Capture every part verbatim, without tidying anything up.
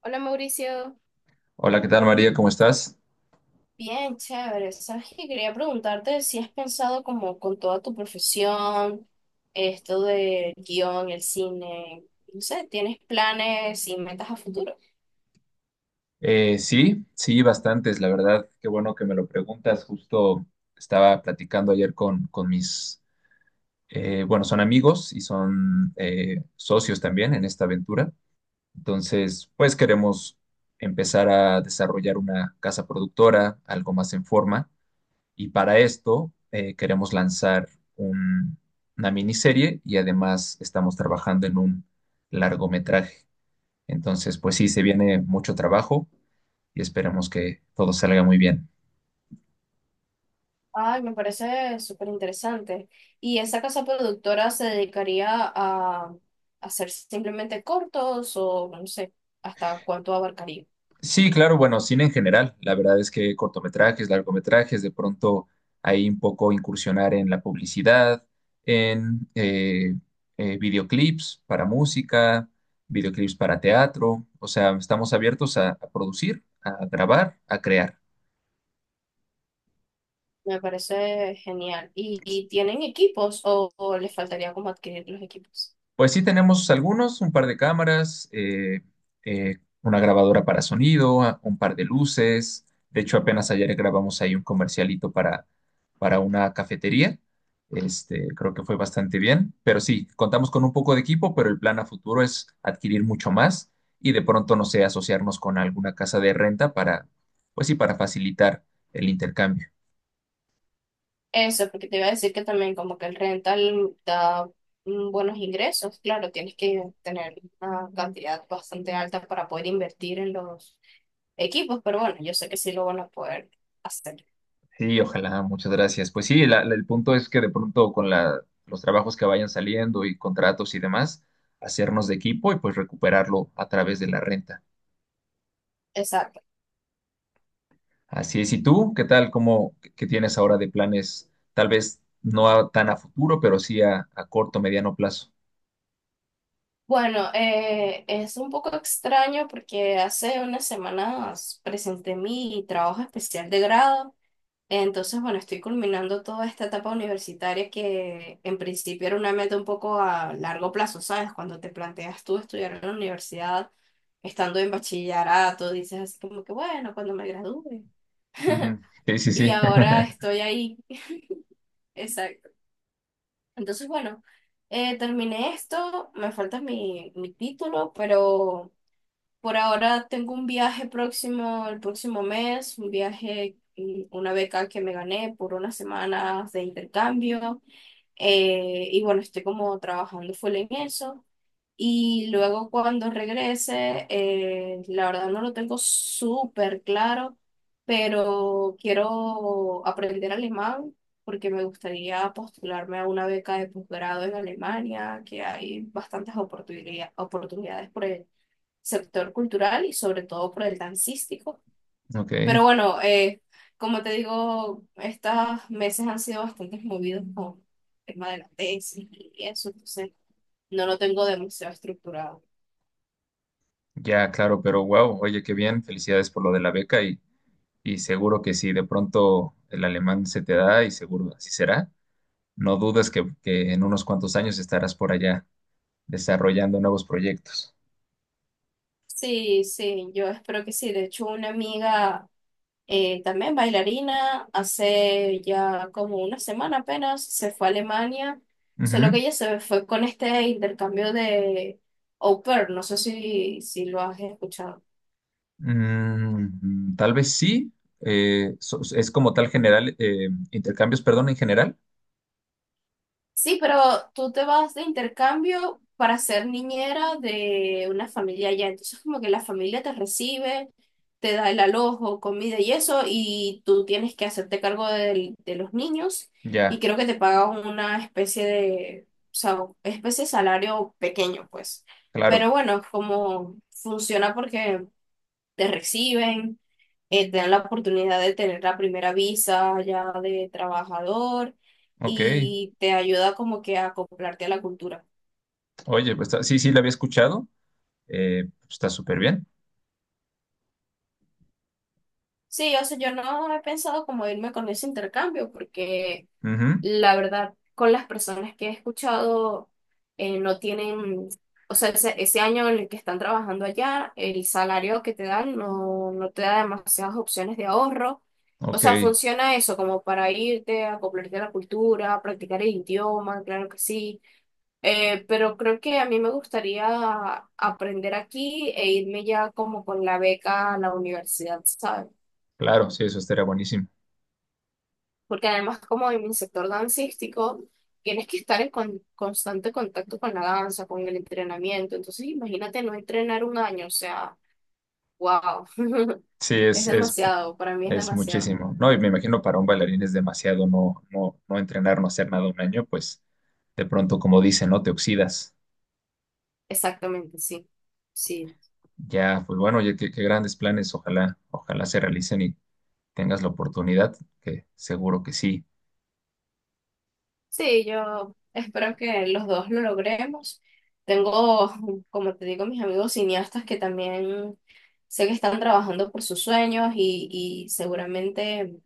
Hola Mauricio. Hola, ¿qué tal María? ¿Cómo estás? Bien, chévere. Sabes que quería preguntarte si has pensado como con toda tu profesión, esto del guión, el cine, no sé, ¿tienes planes y metas a futuro? Eh, sí, sí, bastantes, la verdad. Qué bueno que me lo preguntas. Justo estaba platicando ayer con, con mis, eh, bueno, son amigos y son eh, socios también en esta aventura. Entonces, pues queremos empezar a desarrollar una casa productora, algo más en forma. Y para esto eh, queremos lanzar un- una miniserie y además estamos trabajando en un largometraje. Entonces, pues sí, se viene mucho trabajo y esperemos que todo salga muy bien. Ay, me parece súper interesante. ¿Y esa casa productora se dedicaría a hacer simplemente cortos o no sé, hasta cuánto abarcaría? Sí, claro, bueno, cine en general. La verdad es que cortometrajes, largometrajes, de pronto ahí un poco incursionar en la publicidad, en eh, eh, videoclips para música, videoclips para teatro. O sea, estamos abiertos a a producir, a grabar, a crear. Me parece genial. ¿Y, y tienen equipos o, o les faltaría como adquirir los equipos? Pues sí, tenemos algunos, un par de cámaras, eh, eh, una grabadora para sonido, a- un par de luces. De hecho, apenas ayer grabamos ahí un comercialito para, para una cafetería. Este, creo que fue bastante bien. Pero sí, contamos con un poco de equipo, pero el plan a futuro es adquirir mucho más y de pronto, no sé, asociarnos con alguna casa de renta para, pues sí, para facilitar el intercambio. Eso, porque te iba a decir que también como que el rental da mm, buenos ingresos. Claro, tienes que tener una cantidad bastante alta para poder invertir en los equipos, pero bueno, yo sé que sí lo van a poder hacer. Sí, ojalá, muchas gracias. Pues sí, la- la- el punto es que de pronto con la, los trabajos que vayan saliendo y contratos y demás, hacernos de equipo y pues recuperarlo a través de la renta. Exacto. Así es, ¿y tú qué tal? ¿Cómo qué tienes ahora de planes? Tal vez no a- tan a futuro, pero sí a, a corto, mediano plazo. Bueno, eh, es un poco extraño porque hace unas semanas presenté mi trabajo especial de grado. Entonces, bueno, estoy culminando toda esta etapa universitaria que en principio era una meta un poco a largo plazo, ¿sabes? Cuando te planteas tú estudiar en la universidad, estando en bachillerato, dices así como que, bueno, cuando me gradúe. Ujú. Sí, sí, Y sí. ahora estoy ahí. Exacto. Entonces, bueno, eh, terminé esto, me falta mi, mi título, pero por ahora tengo un viaje próximo, el próximo mes, un viaje, mm, una beca que me gané por unas semanas de intercambio. eh, y bueno, estoy como trabajando full en eso. Y luego cuando regrese, eh, la verdad no lo tengo súper claro, pero quiero aprender alemán porque me gustaría postularme a una beca de posgrado en Alemania, que hay bastantes oportunidad- oportunidades por sector cultural y sobre todo por el dancístico. Ok, Pero bueno, eh, como te digo, estos meses han sido bastante movidos con el tema de la tesis y eso, entonces no lo tengo demasiado estructurado. ya, claro, pero wow, oye, qué bien, felicidades por lo de la beca y, y seguro que sí, de pronto el alemán se te da y seguro así será. No dudes que, que en unos cuantos años estarás por allá desarrollando nuevos proyectos. Sí, sí, yo espero que sí. De hecho, una amiga eh, también bailarina, hace ya como una semana apenas, se fue a Alemania, solo que Ujú. ella se fue con este intercambio de au pair, no sé si, si lo has escuchado. Mm, tal vez sí. Eh, so- es como tal general, eh, intercambios, perdón, en general. Sí, pero tú te vas de intercambio para ser niñera de una familia allá. Entonces, como que la familia te recibe, te da el alojo, comida y eso, y tú tienes que hacerte cargo del- de los niños. Y Ya, creo que te pagan una especie de, o sea, especie de salario pequeño, pues. claro. Pero bueno, como funciona porque te reciben, eh, te dan la oportunidad de tener la primera visa ya de trabajador Ok. y te ayuda como que a acoplarte a la cultura. Oye, pues está- sí, sí, la había escuchado. Eh, pues, está súper bien. Sí, o sea, yo no he pensado como irme con ese intercambio porque Ujú. la verdad, con las personas que he escuchado, eh, no tienen, o sea, ese, ese año en el que están trabajando allá, el salario que te dan no, no te da demasiadas opciones de ahorro. O Ok, sea, funciona eso como para irte, acoplarte a la cultura, practicar el idioma, claro que sí. Eh, pero creo que a mí me gustaría aprender aquí e irme ya como con la beca a la universidad, ¿sabes? claro, sí, eso estaría buenísimo. Porque además como en mi sector dancístico, tienes que estar en con- constante contacto con la danza, con el entrenamiento. Entonces, imagínate no entrenar un año, o sea, wow, Sí, es es, es, demasiado, para mí es es demasiado. muchísimo, ¿no? Y me imagino para un bailarín es demasiado no, no, no entrenar, no hacer nada un año, pues de pronto, como dicen, ¿no? Te oxidas. Exactamente, sí, sí. Ya, pues bueno, oye, qué, qué grandes planes. Ojalá, ojalá se realicen y tengas la oportunidad, que seguro que sí. Sí, yo espero que los dos lo logremos. Tengo, como te digo, mis amigos cineastas que también sé que están trabajando por sus sueños y, y seguramente...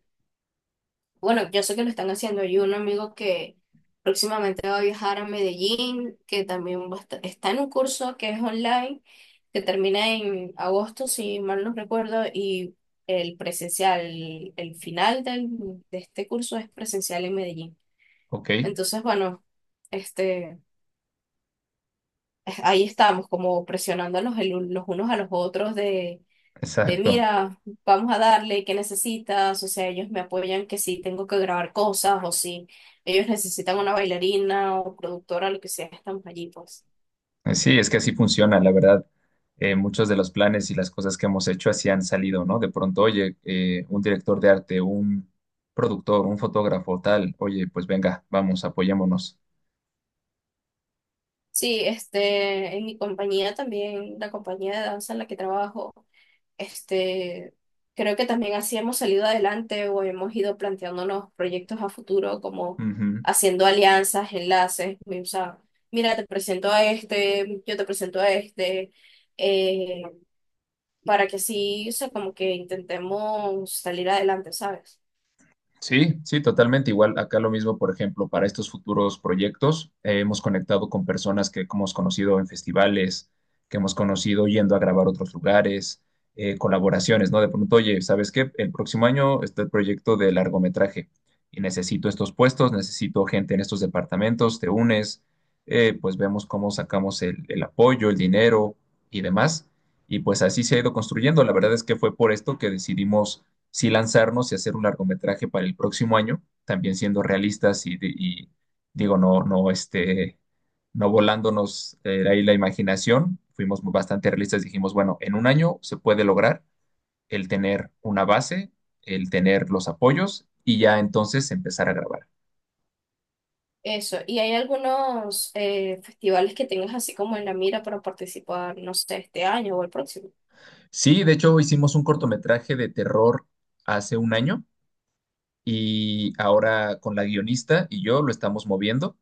Bueno, yo sé que lo están haciendo. Hay un amigo que próximamente va a viajar a Medellín, que también va a esta- está en un curso que es online, que termina en agosto, si mal no recuerdo, y el presencial, el final del- de este curso es presencial en Medellín. Ok, Entonces, bueno, este, ahí estamos como presionándonos el un- los unos a los otros de exacto. mira, vamos a darle, ¿qué necesitas? O sea, ellos me apoyan que si tengo que grabar cosas o si ellos necesitan una bailarina o productora, lo que sea, estamos allí, pues. Eh, Sí, es que así funciona, la verdad. Eh, muchos de los planes y las cosas que hemos hecho así han salido, ¿no? De pronto, oye, eh, un director de arte, un productor, un fotógrafo, tal, oye, pues venga, vamos, apoyémonos. Sí, este, en mi compañía también, la compañía de danza en la que trabajo, este, creo que también así hemos salido adelante o hemos ido planteándonos proyectos a futuro como Ujú. haciendo alianzas, enlaces, o sea, mira, te presento a este, yo te presento a este, eh, para que así, o sea, como que intentemos salir adelante, ¿sabes? Sí, sí, totalmente. Igual acá lo mismo, por ejemplo, para estos futuros proyectos, eh, hemos conectado con personas que hemos conocido en festivales, que hemos conocido yendo a grabar a otros lugares, eh, colaboraciones, ¿no? De pronto, oye, ¿sabes qué? El próximo año está el proyecto de largometraje y necesito estos puestos, necesito gente en estos departamentos, te unes, eh, pues vemos cómo sacamos el, el apoyo, el dinero y demás. Y pues así se ha ido construyendo. La verdad es que fue por esto que decidimos sí lanzarnos y hacer un largometraje para el próximo año, también siendo realistas y, de- y digo, no, no, este, no volándonos eh, ahí la imaginación, fuimos bastante realistas, dijimos, bueno, en un año se puede lograr el tener una base, el tener los apoyos y ya entonces empezar a grabar. Eso. ¿Y hay algunos eh, festivales que tengas así como en la mira para participar, no sé, este año o el próximo? Sí, de hecho hicimos un cortometraje de terror hace un año y ahora con la guionista y yo lo estamos moviendo.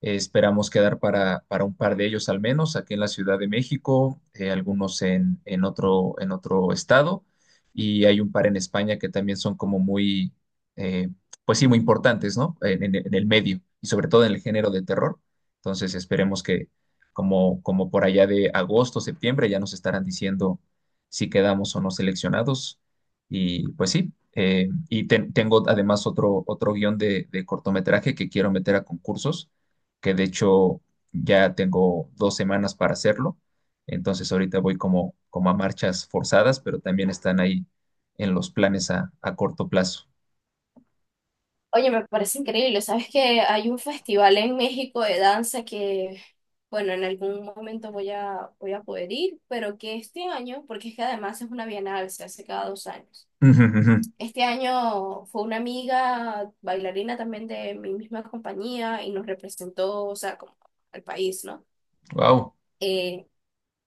Eh, esperamos quedar para, para un par de ellos al menos, aquí en la Ciudad de México, eh, algunos en, en otro, en otro estado, y hay un par en España que también son como muy, eh, pues sí, muy importantes, ¿no? En, en- en el medio y sobre todo en el género de terror. Entonces esperemos que como, como por allá de agosto, septiembre, ya nos estarán diciendo si quedamos o no seleccionados. Y pues sí, eh, y ten- tengo además otro, otro guión de, de cortometraje que quiero meter a concursos, que de hecho ya tengo dos semanas para hacerlo. Entonces ahorita voy como, como a marchas forzadas, pero también están ahí en los planes a, a corto plazo. Oye, me parece increíble. ¿Sabes que hay un festival en México de danza que, bueno, en algún momento voy a, voy a poder ir, pero que este año, porque es que además es una bienal, se hace cada dos años. Este año fue una amiga bailarina también de mi misma compañía y nos representó, o sea, como al país, ¿no? Wow. Eh,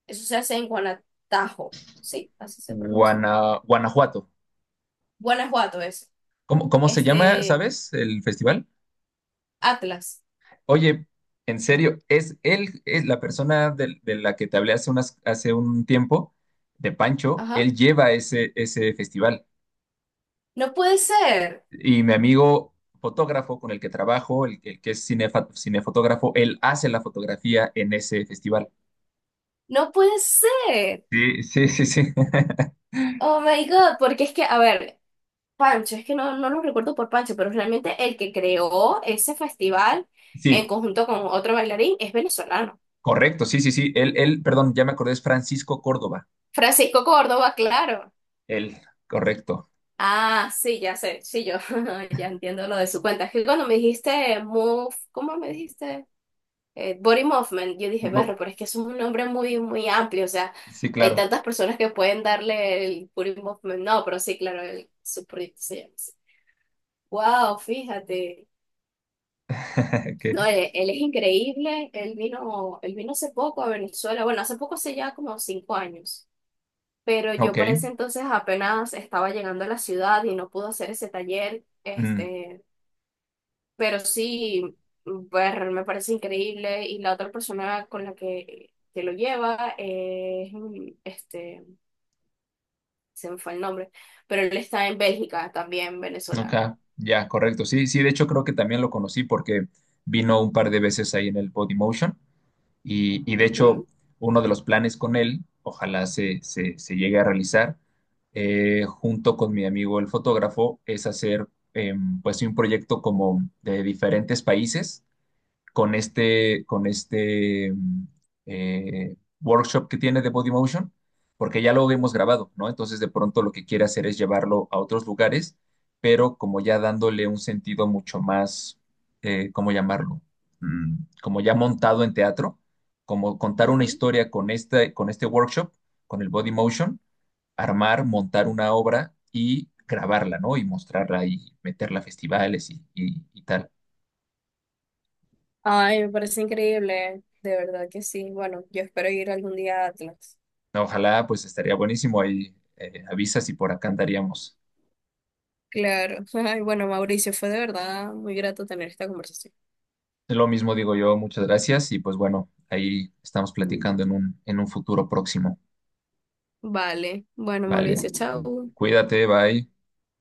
eso se hace en Guanatajo, sí, así se pronuncia. Guana- Guanajuato. Guanajuato es. ¿Cómo, cómo se llama, Este, sabes, el festival? Atlas. Oye, en serio, es él, es la persona del- de, la que te hablé hace unas, hace un tiempo, de Pancho, Ajá. él lleva ese, ese festival. No puede ser. Y mi amigo fotógrafo con el que trabajo, el, el que es cinefa- cinefotógrafo, él hace la fotografía en ese festival. No puede ser. Sí, sí, sí, sí. Oh my God, porque es que, a ver, Pancho, es que no, no lo recuerdo por Pancho, pero realmente el que creó ese festival en Sí, conjunto con otro bailarín es venezolano. correcto, sí, sí, sí. Él, él, perdón, ya me acordé, es Francisco Córdoba. Francisco Córdoba, claro. Él, correcto. Ah, sí, ya sé, sí, yo ya entiendo lo de su cuenta. Es que cuando me dijiste Move, ¿cómo me dijiste? Eh, Body Movement, yo dije, berro, Bo- pero es que es un nombre muy, muy amplio, o sea, Sí, hay claro. tantas personas que pueden darle el Body Movement. No, pero sí, claro, el, su proyecto se llama así. Wow, fíjate. Que- No, él, él es increíble, él vino, él vino hace poco a Venezuela, bueno, hace poco, hace ya como cinco años, pero yo Ok. para ese entonces apenas estaba llegando a la ciudad y no pude hacer ese taller. Mm. Este, pero sí, pues me parece increíble. Y la otra persona con la que, que lo lleva es, mm, este, se me fue el nombre, pero él está en Bélgica, también venezolano. Acá, ya, correcto. Sí, sí, de hecho creo que también lo conocí porque vino un par de veces ahí en el Body Motion y, y de hecho Ujú, uno de los planes con él, ojalá se, se, se llegue a realizar, eh, junto con mi amigo el fotógrafo, es hacer em, pues sí, un proyecto como de diferentes países con este, con este mm, eh, workshop que tiene de Body Motion, porque ya lo hemos ujú, grabado, ¿no? Entonces de pronto lo que quiere hacer es llevarlo a otros lugares, pero como ya dándole un sentido mucho más, eh, ¿cómo llamarlo? Mm, como ya montado en teatro, como contar una ujú. historia con este, con este workshop, con el Body Motion, armar, montar una obra y grabarla, ¿no? Y mostrarla y meterla a festivales y, y y tal. Ay, me parece increíble, de verdad que sí. Bueno, yo espero ir algún día a Atlas. No, ojalá, pues estaría buenísimo ahí, eh, avisas y por acá andaríamos. Claro. Ay, bueno, Mauricio, fue de verdad muy grato tener esta conversación. Lo mismo digo yo, muchas gracias y pues bueno, ahí estamos platicando en un, en un futuro próximo. Vale. Bueno, Vale, Mauricio, chao. cuídate, bye.